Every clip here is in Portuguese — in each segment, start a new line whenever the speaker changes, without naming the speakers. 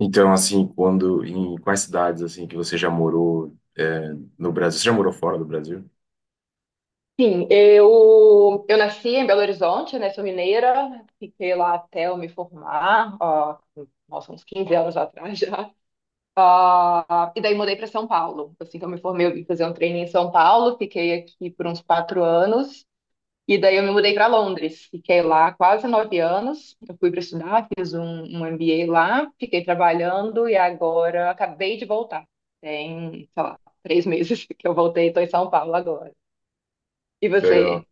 Então, assim, quando, em quais cidades, assim, que você já morou, no Brasil? Você já morou fora do Brasil?
Sim, eu nasci em Belo Horizonte, né? Sou mineira, fiquei lá até eu me formar, ó, nossa, uns 15 anos atrás já. Ah, e daí mudei para São Paulo. Assim que eu me formei, eu vim fazer um treino em São Paulo, fiquei aqui por uns 4 anos, e daí eu me mudei para Londres. Fiquei lá quase 9 anos. Eu fui para estudar, fiz um MBA lá, fiquei trabalhando e agora acabei de voltar. Tem, sei lá, 3 meses que eu voltei, estou em São Paulo agora. E
Legal.
você?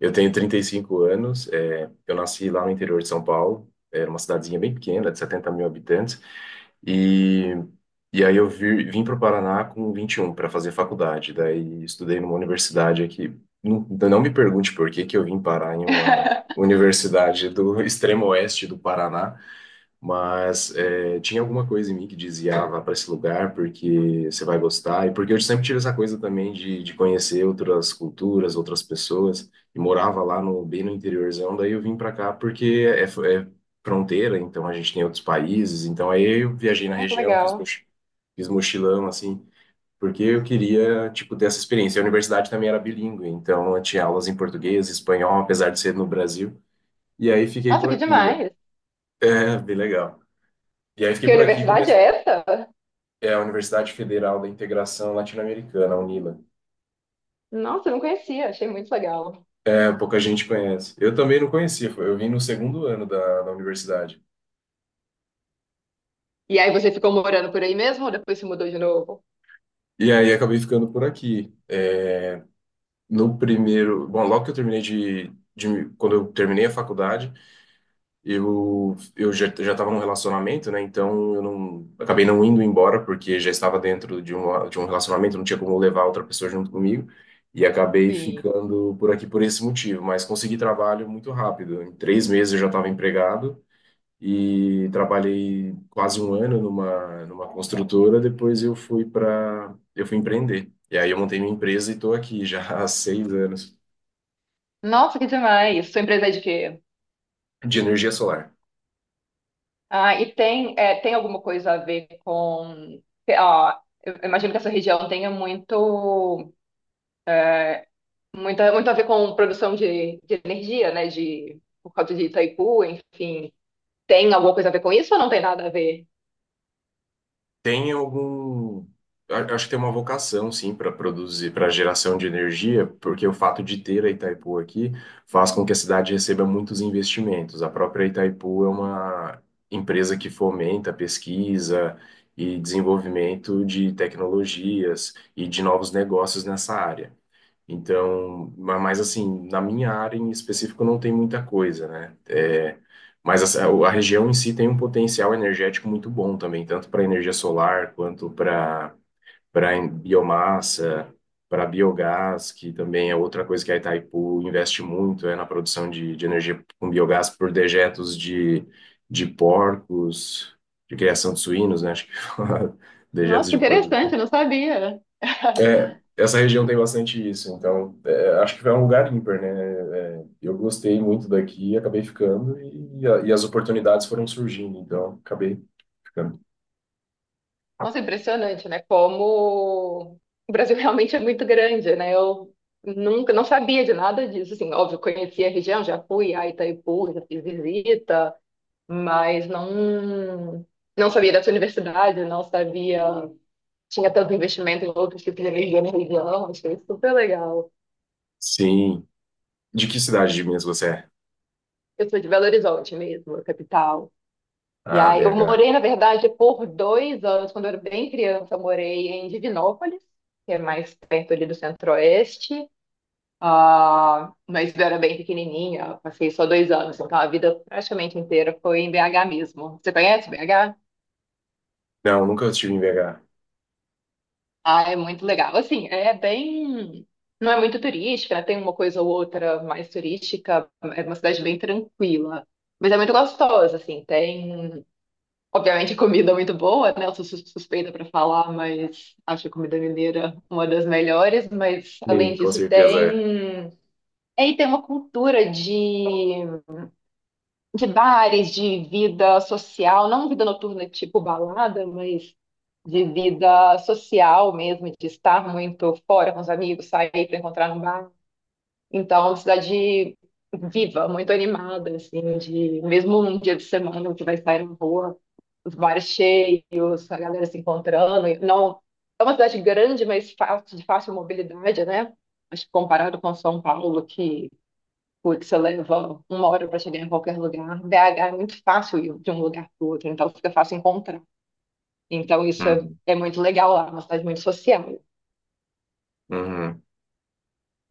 Eu tenho 35 anos, eu nasci lá no interior de São Paulo, era uma cidadezinha bem pequena, de 70 mil habitantes, e, e aí eu vim para o Paraná com 21 para fazer faculdade, daí estudei numa universidade aqui. Não, não me pergunte por que que eu vim parar em uma universidade do extremo oeste do Paraná. Mas é, tinha alguma coisa em mim que dizia: ah, vá para esse lugar porque você vai gostar. E porque eu sempre tive essa coisa também de conhecer outras culturas, outras pessoas. E morava lá no, bem no interiorzão, daí eu vim para cá porque é fronteira, então a gente tem outros países. Então aí eu viajei na
Ah, que
região,
legal.
fiz mochilão, assim, porque eu queria, tipo, ter essa experiência. A universidade também era bilíngue, então eu tinha aulas em português, espanhol, apesar de ser no Brasil. E aí fiquei
Nossa,
por
que
aqui, né?
demais.
É, bem legal. E aí fiquei
Que
por aqui e
universidade é
comecei.
essa?
É a Universidade Federal da Integração Latino-Americana, a UNILA.
Nossa, eu não conhecia, achei muito legal.
É, pouca gente conhece. Eu também não conhecia, eu vim no segundo ano da universidade.
E aí você ficou morando por aí mesmo ou depois se mudou de novo?
E aí acabei ficando por aqui. É, no primeiro. Bom, logo que eu terminei de, de. Quando eu terminei a faculdade, eu, eu já estava num relacionamento, né? Então eu não acabei não indo embora porque já estava dentro de um relacionamento, não tinha como levar outra pessoa junto comigo e acabei
Sim.
ficando por aqui por esse motivo. Mas consegui trabalho muito rápido. Em 3 meses eu já estava empregado e trabalhei quase um ano numa construtora. Depois eu fui empreender e aí eu montei minha empresa e estou aqui já há 6 anos
Nossa, que demais. Sua empresa é de quê?
de energia solar.
Ah, e tem, é, tem alguma coisa a ver com. Ó, eu imagino que essa região tenha muito, muito, muito a ver com produção de energia, né? De, por causa de Itaipu, enfim. Tem alguma coisa a ver com isso ou não tem nada a ver?
Tem algum. Acho que tem uma vocação, sim, para produzir, para geração de energia, porque o fato de ter a Itaipu aqui faz com que a cidade receba muitos investimentos. A própria Itaipu é uma empresa que fomenta pesquisa e desenvolvimento de tecnologias e de novos negócios nessa área. Então, mas assim, na minha área em específico não tem muita coisa, né? É, mas região em si tem um potencial energético muito bom também, tanto para energia solar quanto para biomassa, para biogás, que também é outra coisa que a Itaipu investe muito, é na produção de energia com biogás por dejetos de porcos, de criação de suínos, né? Acho que
Nossa,
dejetos
que
de porcos.
interessante, eu não sabia.
É, essa região tem bastante isso, então é, acho que é um lugar ímpar, né? É, eu gostei muito daqui, acabei ficando e, e as oportunidades foram surgindo, então acabei ficando.
Nossa, impressionante, né? Como o Brasil realmente é muito grande, né? Eu nunca, não sabia de nada disso, assim, óbvio, conhecia a região, já fui a Itaipu, já fiz visita, mas não sabia dessa universidade, não sabia, tinha tanto investimento em outros tipos de energia na região, achei super legal.
Sim. De que cidade de Minas você é?
Eu sou de Belo Horizonte mesmo, a capital. E
Ah,
aí, eu
BH.
morei, na verdade, por 2 anos, quando eu era bem criança, eu morei em Divinópolis, que é mais perto ali do Centro-Oeste. Ah, mas eu era bem pequenininha, eu passei só 2 anos, então a vida praticamente inteira foi em BH mesmo. Você conhece BH?
Não, nunca estive em BH.
Ah, é muito legal. Assim, é bem. Não é muito turística, né? Tem uma coisa ou outra mais turística, é uma cidade bem tranquila. Mas é muito gostosa, assim. Tem, obviamente, comida muito boa, né? Eu sou suspeita para falar, mas acho a comida mineira uma das melhores. Mas, além
Sim, com
disso,
certeza é.
tem. E aí tem uma cultura de bares, de vida social, não vida noturna tipo balada, mas de vida social mesmo, de estar muito fora com os amigos, sair para encontrar um bar. Então, é uma cidade viva, muito animada, assim, de mesmo um dia de semana você vai sair na rua, os bares cheios, a galera se encontrando. Não, é uma cidade grande, mas fácil, de fácil mobilidade, né? Acho que comparado com São Paulo, que, putz, você leva 1 hora para chegar em qualquer lugar. BH é muito fácil ir de um lugar para o outro, então fica fácil encontrar. Então isso é,
Uhum.
é muito legal lá, é uma cidade muito social.
Uhum.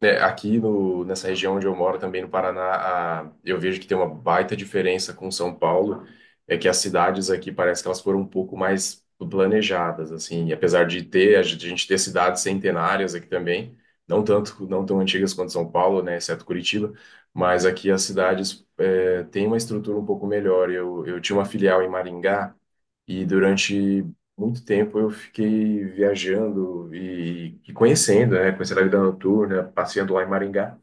É, aqui no, nessa região onde eu moro, também no Paraná, eu vejo que tem uma baita diferença com São Paulo. É que as cidades aqui parece que elas foram um pouco mais planejadas, assim, e apesar de ter, a gente ter cidades centenárias aqui também, não tanto, não tão antigas quanto São Paulo, né, exceto Curitiba, mas aqui as cidades é, têm uma estrutura um pouco melhor. Eu tinha uma filial em Maringá. E durante muito tempo eu fiquei viajando e conhecendo, né? Conhecendo a vida noturna, passeando lá em Maringá.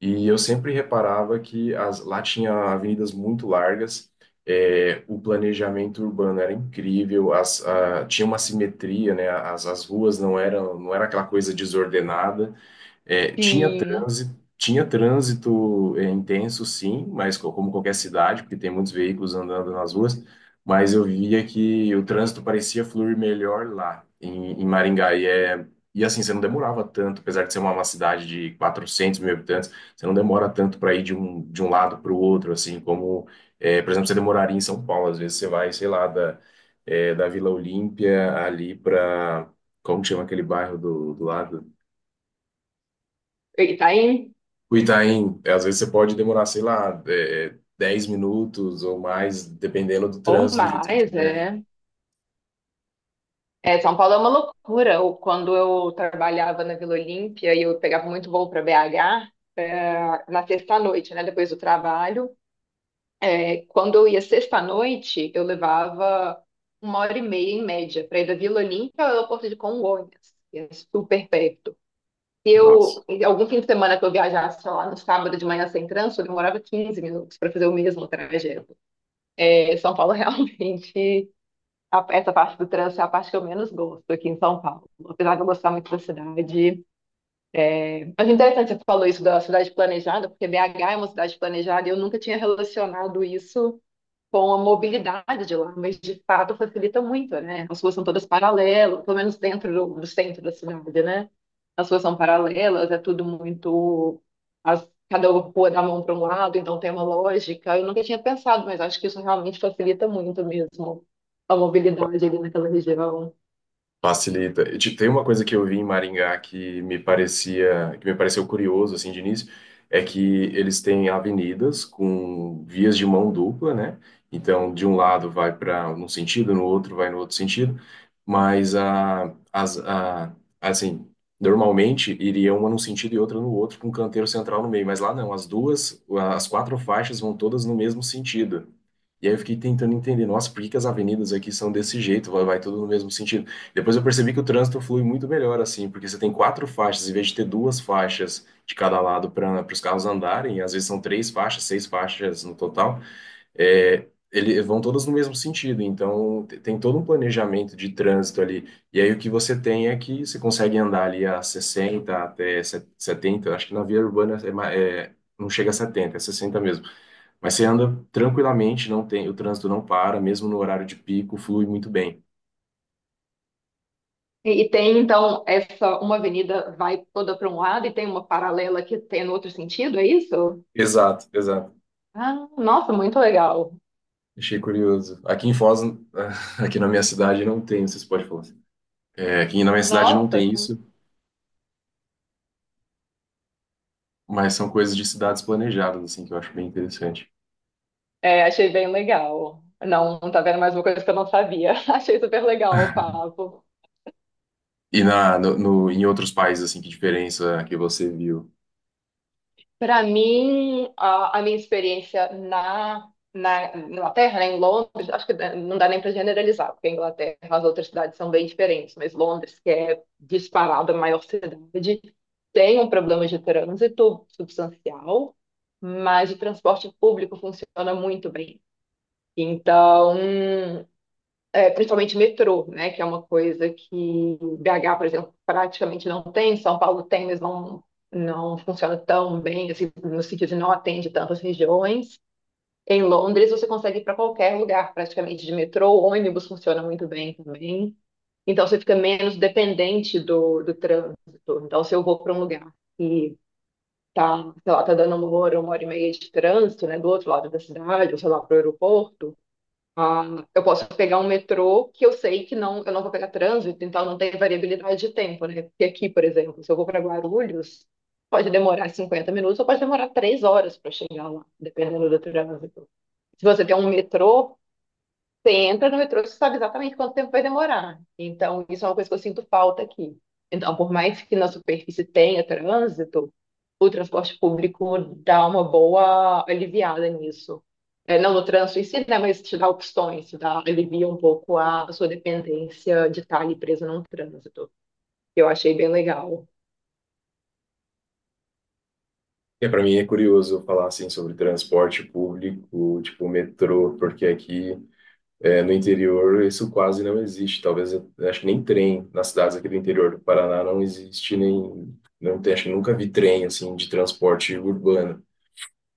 E eu sempre reparava que as, lá tinha avenidas muito largas, é, o planejamento urbano era incrível, as, a, tinha uma simetria, né? As ruas não eram, não era aquela coisa desordenada. É,
Sim.
tinha trânsito é, intenso, sim, mas como qualquer cidade, porque tem muitos veículos andando nas ruas, mas eu via que o trânsito parecia fluir melhor lá em, em Maringá. E, é, e assim, você não demorava tanto, apesar de ser uma cidade de 400 mil habitantes, você não demora tanto para ir de um lado para o outro, assim, como, é, por exemplo, você demoraria em São Paulo. Às vezes você vai, sei lá, da, é, da Vila Olímpia ali para. Como que chama aquele bairro do, do lado?
Itaim,
O Itaim, é, às vezes você pode demorar, sei lá, é, 10 minutos ou mais, dependendo do
ou
trânsito, do jeito que
mais,
tiver.
é. É, São Paulo é uma loucura. Quando eu trabalhava na Vila Olímpia e eu pegava muito voo para BH, é, na sexta-noite, né, depois do trabalho. Quando eu ia sexta-noite, eu levava 1 hora e meia em média para ir da Vila Olímpia ao aeroporto de Congonhas, que é super perto. Se
Nossa.
eu, algum fim de semana que eu viajasse lá no sábado de manhã sem trânsito, eu demorava 15 minutos para fazer o mesmo trajeto. É, São Paulo realmente, essa parte do trânsito é a parte que eu menos gosto aqui em São Paulo. Apesar de eu gostar muito da cidade. Mas interessante você falou isso da cidade planejada, porque BH é uma cidade planejada e eu nunca tinha relacionado isso com a mobilidade de lá, mas de fato facilita muito, né? As ruas são todas paralelas, pelo menos dentro do centro da cidade, né? As ruas são paralelas, é tudo muito. Cada rua dá a mão para um lado, então tem uma lógica. Eu nunca tinha pensado, mas acho que isso realmente facilita muito mesmo a mobilidade ali naquela região.
Facilita. E tem uma coisa que eu vi em Maringá que me parecia, que me pareceu curioso assim de início, é que eles têm avenidas com vias de mão dupla, né? Então, de um lado vai para num sentido, no outro vai no outro sentido, mas a, as, a, assim, normalmente iria uma num sentido e outra no outro, com um canteiro central no meio, mas lá não, as duas, as quatro faixas vão todas no mesmo sentido. E aí eu fiquei tentando entender, nossa, por que que as avenidas aqui são desse jeito? Vai, vai tudo no mesmo sentido. Depois eu percebi que o trânsito flui muito melhor assim, porque você tem quatro faixas, em vez de ter duas faixas de cada lado para os carros andarem, e às vezes são três faixas, seis faixas no total, é, ele, vão todas no mesmo sentido. Então tem todo um planejamento de trânsito ali. E aí o que você tem é que você consegue andar ali a 60 até 70, acho que na via urbana é, é, não chega a 70, é 60 mesmo. Mas você anda tranquilamente, não tem, o trânsito não para, mesmo no horário de pico, flui muito bem.
E tem, então, essa uma avenida vai toda para um lado e tem uma paralela que tem no outro sentido, é isso?
Exato, exato.
Ah, nossa, muito legal.
Achei curioso. Aqui em Foz, aqui na minha cidade não tem, vocês podem falar assim. É, aqui na minha cidade não
Nossa,
tem isso, mas são coisas de cidades planejadas, assim, que eu acho bem interessante.
Achei bem legal. Não, tá vendo mais uma coisa que eu não sabia. Achei super legal o papo.
E na, no, em outros países, assim, que diferença que você viu?
Para mim, a minha experiência na Inglaterra, né, em Londres, acho que não dá nem para generalizar, porque a Inglaterra, as outras cidades são bem diferentes, mas Londres, que é disparada a maior cidade, tem um problema de trânsito substancial, mas o transporte público funciona muito bem. Então, principalmente metrô, né? Que é uma coisa que BH, por exemplo, praticamente não tem, São Paulo tem, mas não, não funciona tão bem, assim, no sentido de não atende tantas regiões. Em Londres, você consegue ir para qualquer lugar, praticamente, de metrô, ônibus funciona muito bem também. Então, você fica menos dependente do trânsito. Então, se eu vou para um lugar e tá, sei lá, tá dando 1 hora, 1 hora e meia de trânsito, né, do outro lado da cidade, ou sei lá, para o aeroporto, ah, eu posso pegar um metrô que eu sei que não, eu não vou pegar trânsito, então não tem variabilidade de tempo, né? Porque aqui, por exemplo, se eu vou para Guarulhos, pode demorar 50 minutos ou pode demorar 3 horas para chegar lá, dependendo do trânsito. Se você tem um metrô, você entra no metrô, você sabe exatamente quanto tempo vai demorar. Então, isso é uma coisa que eu sinto falta aqui. Então, por mais que na superfície tenha trânsito, o transporte público dá uma boa aliviada nisso. É, não no trânsito em si, né, mas te dá opções, te dá, alivia um pouco a sua dependência de estar ali presa num trânsito. Eu achei bem legal.
É, para mim é curioso falar, assim, sobre transporte público, tipo metrô, porque aqui é, no interior isso quase não existe. Talvez, eu acho que nem trem nas cidades aqui do interior do Paraná não existe, nem, não tem, acho que nunca vi trem, assim, de transporte urbano.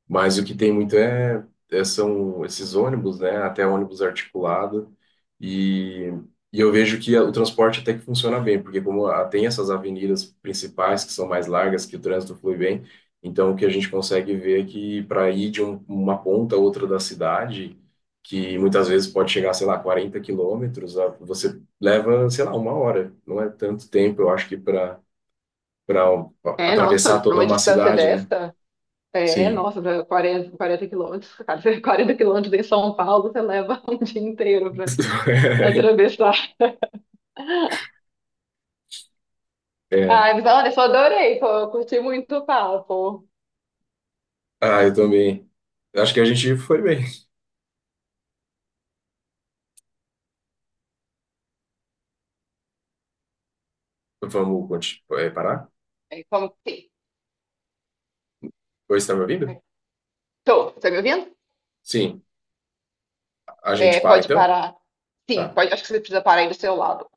Mas o que tem muito é, são esses ônibus, né? Até ônibus articulado. E, e eu vejo que o transporte até que funciona bem, porque como tem essas avenidas principais que são mais largas, que o trânsito flui bem, então o que a gente consegue ver é que para ir de uma ponta a outra da cidade, que muitas vezes pode chegar, sei lá, 40 quilômetros, você leva, sei lá, uma hora. Não é tanto tempo, eu acho que para para
É, nossa,
atravessar
para
toda
uma
uma
distância
cidade, né?
dessa, é,
Sim.
nossa, pra 40, 40 quilômetros, cara, 40 quilômetros em São Paulo, você leva um dia inteiro para atravessar.
É.
Ai, mas olha, eu só adorei, pô, eu curti muito o papo.
Ah, eu também. Acho que a gente foi bem. Vamos parar?
É, como que.
Oi, você está me ouvindo?
Tô, tá me ouvindo?
Sim. A gente
É,
para
pode
então?
parar. Sim,
Tá.
pode, acho que você precisa parar aí do seu lado.